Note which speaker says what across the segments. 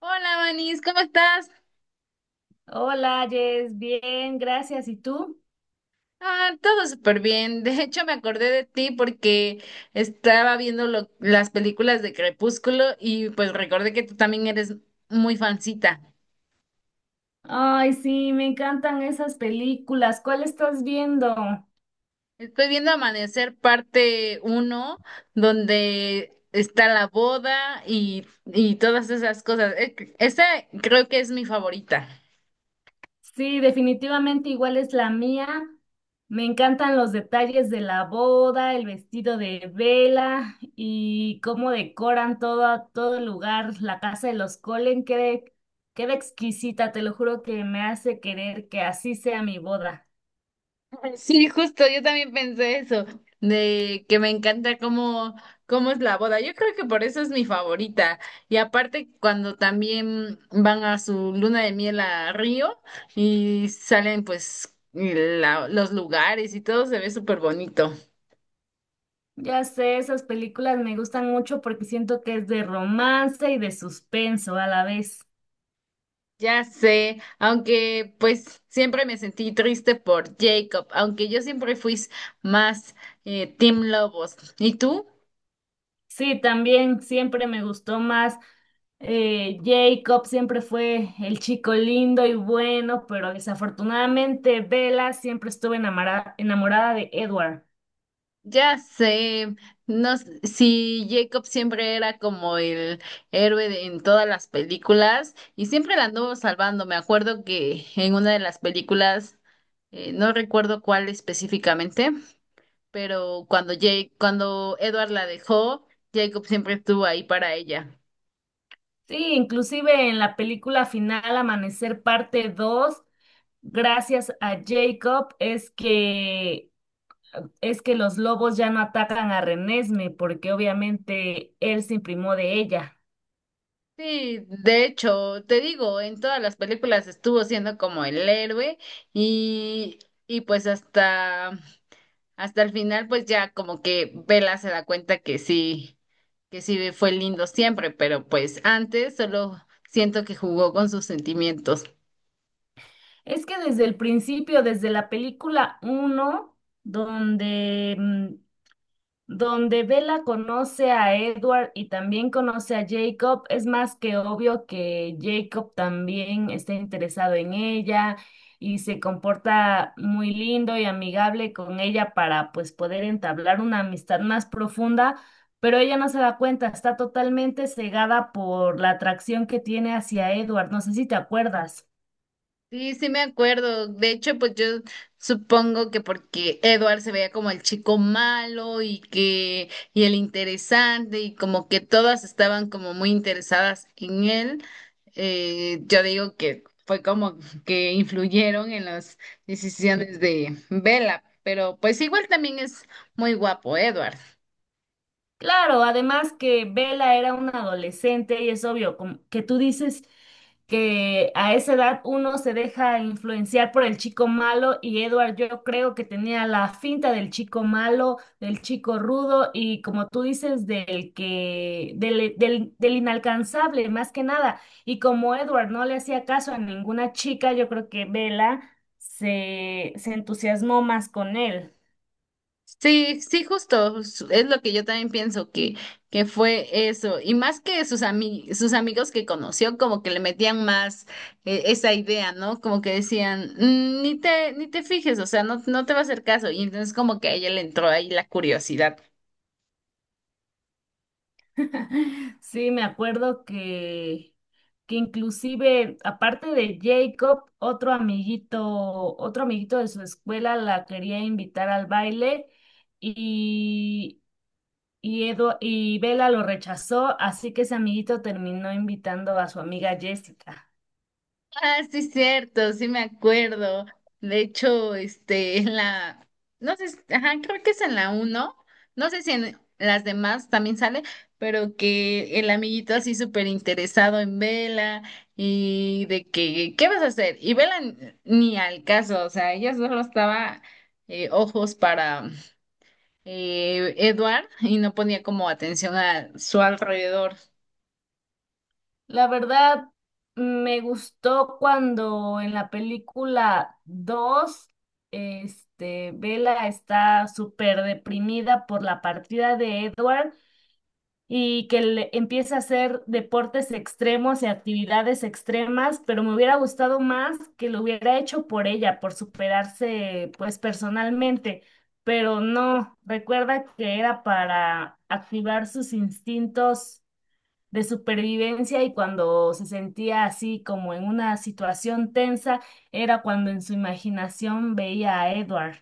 Speaker 1: Hola, Manis, ¿cómo estás?
Speaker 2: Hola, Jess, bien, gracias. ¿Y tú?
Speaker 1: Ah, todo súper bien. De hecho, me acordé de ti porque estaba viendo las películas de Crepúsculo y pues recordé que tú también eres muy fancita.
Speaker 2: Ay, sí, me encantan esas películas. ¿Cuál estás viendo?
Speaker 1: Estoy viendo Amanecer parte uno, donde está la boda y todas esas cosas. Esa creo que es mi favorita.
Speaker 2: Sí, definitivamente igual es la mía. Me encantan los detalles de la boda, el vestido de vela y cómo decoran todo el lugar. La casa de los Colen queda exquisita, te lo juro que me hace querer que así sea mi boda.
Speaker 1: Sí, justo, yo también pensé eso, de que me encanta cómo es la boda. Yo creo que por eso es mi favorita. Y aparte, cuando también van a su luna de miel a Río y salen pues los lugares y todo se ve súper bonito.
Speaker 2: Ya sé, esas películas me gustan mucho porque siento que es de romance y de suspenso a la vez.
Speaker 1: Ya sé, aunque pues siempre me sentí triste por Jacob, aunque yo siempre fui más Team Lobos. ¿Y tú?
Speaker 2: Sí, también siempre me gustó más. Jacob siempre fue el chico lindo y bueno, pero desafortunadamente Bella siempre estuvo enamorada de Edward.
Speaker 1: Ya sé, no, si Jacob siempre era como el héroe en todas las películas y siempre la anduvo salvando. Me acuerdo que en una de las películas, no recuerdo cuál específicamente, pero cuando Edward la dejó, Jacob siempre estuvo ahí para ella.
Speaker 2: Sí, inclusive en la película final Amanecer parte 2, gracias a Jacob es que los lobos ya no atacan a Renesme porque obviamente él se imprimó de ella.
Speaker 1: Sí, de hecho, te digo, en todas las películas estuvo siendo como el héroe y, y pues hasta el final, pues ya como que Bella se da cuenta que sí fue lindo siempre, pero pues antes solo siento que jugó con sus sentimientos.
Speaker 2: Es que desde el principio, desde la película uno, donde mm, donde Bella conoce a Edward y también conoce a Jacob, es más que obvio que Jacob también está interesado en ella y se comporta muy lindo y amigable con ella para pues poder entablar una amistad más profunda, pero ella no se da cuenta, está totalmente cegada por la atracción que tiene hacia Edward, no sé si te acuerdas.
Speaker 1: Sí, sí me acuerdo. De hecho, pues yo supongo que porque Edward se veía como el chico malo y que y el interesante y como que todas estaban como muy interesadas en él, yo digo que fue como que influyeron en las decisiones de Bella, pero pues igual también es muy guapo Edward.
Speaker 2: Claro, además que Bella era una adolescente y es obvio como que tú dices que a esa edad uno se deja influenciar por el chico malo y Edward yo creo que tenía la finta del chico malo, del chico rudo y como tú dices del inalcanzable más que nada y como Edward no le hacía caso a ninguna chica, yo creo que Bella se entusiasmó más con él.
Speaker 1: Sí, sí, justo, es lo que yo también pienso que fue eso, y más que sus amigos que conoció, como que le metían más esa idea, ¿no? Como que decían, "Mm, ni te fijes, o sea, no te va a hacer caso", y entonces como que a ella le entró ahí la curiosidad.
Speaker 2: Sí, me acuerdo que inclusive, aparte de Jacob, otro amiguito de su escuela la quería invitar al baile y, y Bella lo rechazó, así que ese amiguito terminó invitando a su amiga Jessica.
Speaker 1: Ah, sí, cierto, sí me acuerdo. De hecho, en no sé, ajá, creo que es en la uno, no sé si en las demás también sale, pero que el amiguito así súper interesado en Vela y de que, ¿qué vas a hacer? Y Vela ni al caso, o sea, ella solo estaba ojos para Edward y no ponía como atención a su alrededor.
Speaker 2: La verdad, me gustó cuando en la película 2 Bella está súper deprimida por la partida de Edward y que empiece a hacer deportes extremos y actividades extremas, pero me hubiera gustado más que lo hubiera hecho por ella, por superarse pues personalmente, pero no, recuerda que era para activar sus instintos de supervivencia y cuando se sentía así como en una situación tensa, era cuando en su imaginación veía a Edward.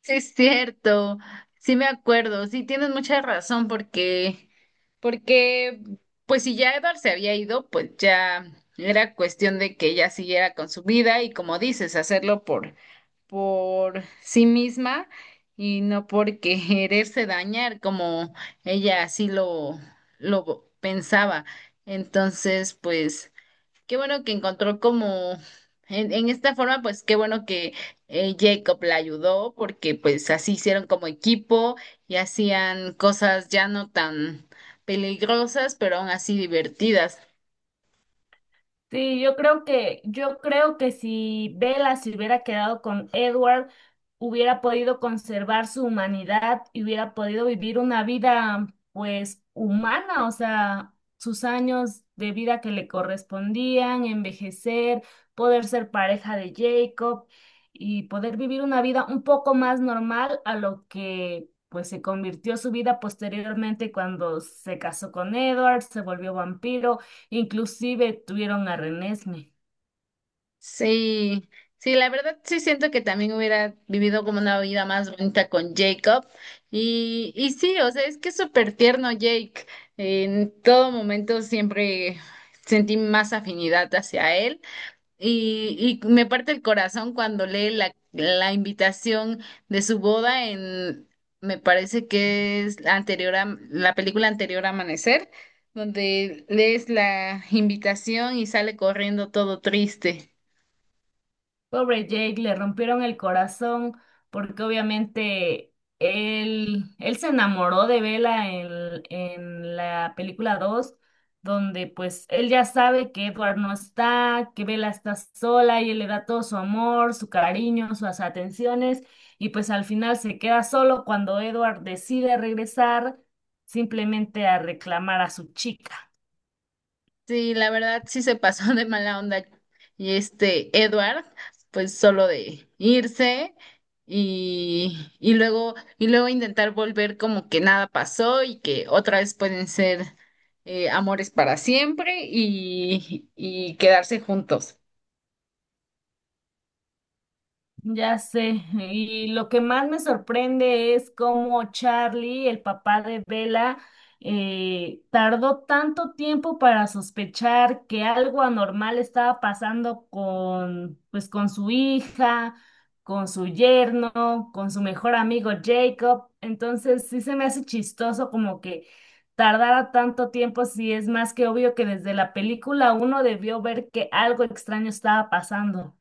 Speaker 1: Sí, es cierto, sí me acuerdo, sí tienes mucha razón porque pues si ya Edward se había ido, pues ya era cuestión de que ella siguiera con su vida y como dices, por sí misma y no por quererse dañar como ella así lo pensaba. Entonces, pues... Qué bueno que encontró como en esta forma, pues qué bueno que Jacob la ayudó porque pues así hicieron como equipo y hacían cosas ya no tan peligrosas, pero aún así divertidas.
Speaker 2: Sí, yo creo que si Bella se hubiera quedado con Edward, hubiera podido conservar su humanidad y hubiera podido vivir una vida, pues, humana, o sea, sus años de vida que le correspondían, envejecer, poder ser pareja de Jacob y poder vivir una vida un poco más normal a lo que, pues, se convirtió su vida posteriormente cuando se casó con Edward, se volvió vampiro. Inclusive tuvieron a Renesme.
Speaker 1: Sí, sí, la verdad sí siento que también hubiera vivido como una vida más bonita con Jacob y sí, o sea, es que es súper tierno Jake. En todo momento siempre sentí más afinidad hacia él. Y me parte el corazón cuando lee la invitación de su boda me parece que es la anterior a la película anterior a Amanecer, donde lees la invitación y sale corriendo todo triste.
Speaker 2: Pobre Jake, le rompieron el corazón porque obviamente él se enamoró de Bella en la película 2 donde pues él ya sabe que Edward no está, que Bella está sola y él le da todo su amor, su cariño, sus atenciones y pues al final se queda solo cuando Edward decide regresar simplemente a reclamar a su chica.
Speaker 1: Sí, la verdad sí se pasó de mala onda. Y este Edward, pues solo de irse y luego intentar volver como que nada pasó y que otra vez pueden ser amores para siempre y quedarse juntos.
Speaker 2: Ya sé, y lo que más me sorprende es cómo Charlie, el papá de Bella, tardó tanto tiempo para sospechar que algo anormal estaba pasando con, pues, con su hija, con su yerno, con su mejor amigo Jacob. Entonces, sí se me hace chistoso como que tardara tanto tiempo, si es más que obvio que desde la película uno debió ver que algo extraño estaba pasando.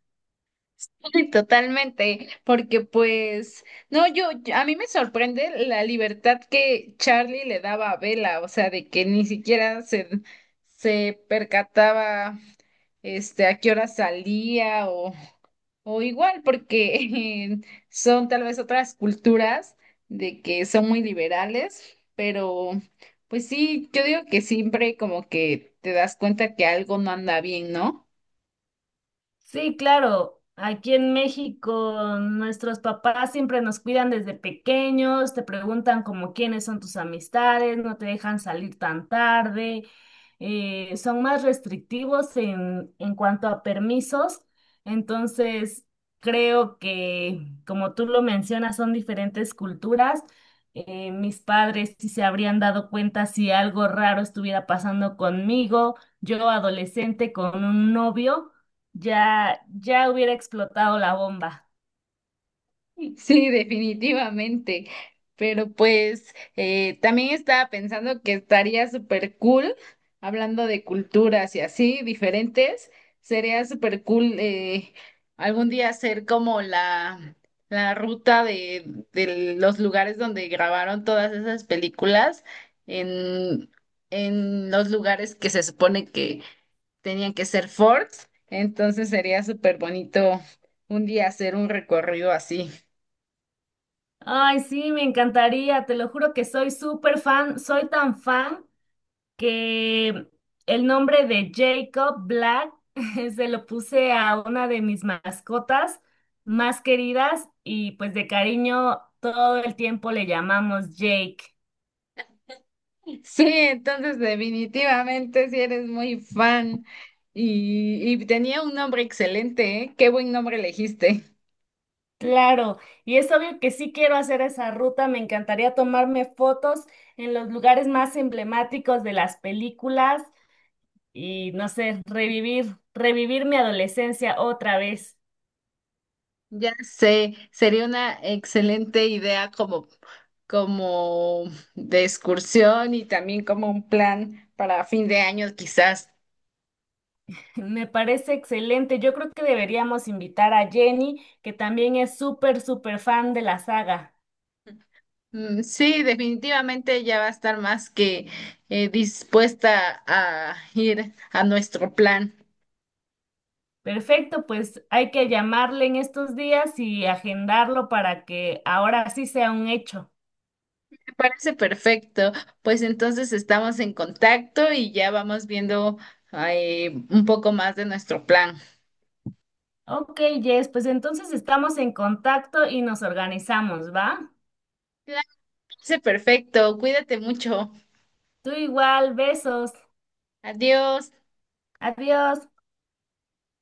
Speaker 1: Sí, totalmente, porque pues, no, a mí me sorprende la libertad que Charlie le daba a Bella, o sea, de que ni siquiera se percataba a qué hora salía o igual, porque son tal vez otras culturas de que son muy liberales, pero pues sí, yo digo que siempre como que te das cuenta que algo no anda bien, ¿no?
Speaker 2: Sí, claro. Aquí en México, nuestros papás siempre nos cuidan desde pequeños, te preguntan como quiénes son tus amistades, no te dejan salir tan tarde, son más restrictivos en cuanto a permisos. Entonces, creo que, como tú lo mencionas, son diferentes culturas. Mis padres sí se habrían dado cuenta si algo raro estuviera pasando conmigo, yo adolescente con un novio. Ya hubiera explotado la bomba.
Speaker 1: Sí, definitivamente. Pero pues también estaba pensando que estaría súper cool, hablando de culturas y así diferentes, sería súper cool algún día hacer como la ruta de los lugares donde grabaron todas esas películas en, en los lugares que se supone que tenían que ser forts. Entonces sería súper bonito un día hacer un recorrido así.
Speaker 2: Ay, sí, me encantaría, te lo juro que soy súper fan, soy tan fan que el nombre de Jacob Black se lo puse a una de mis mascotas más queridas y pues de cariño todo el tiempo le llamamos Jake.
Speaker 1: Sí, entonces definitivamente si eres muy fan y tenía un nombre excelente, ¿eh? Qué buen nombre elegiste.
Speaker 2: Claro, y es obvio que sí quiero hacer esa ruta, me encantaría tomarme fotos en los lugares más emblemáticos de las películas y no sé, revivir mi adolescencia otra vez.
Speaker 1: Ya sé, sería una excelente idea como, como de excursión y también como un plan para fin de año quizás.
Speaker 2: Me parece excelente. Yo creo que deberíamos invitar a Jenny, que también es súper fan de la saga.
Speaker 1: Mm, sí, definitivamente ya va a estar más que dispuesta a ir a nuestro plan.
Speaker 2: Perfecto, pues hay que llamarle en estos días y agendarlo para que ahora sí sea un hecho.
Speaker 1: Parece perfecto. Pues entonces estamos en contacto y ya vamos viendo un poco más de nuestro plan.
Speaker 2: Ok, Jess, pues entonces estamos en contacto y nos organizamos, ¿va?
Speaker 1: Claro, parece perfecto. Cuídate mucho.
Speaker 2: Tú igual, besos.
Speaker 1: Adiós.
Speaker 2: Adiós.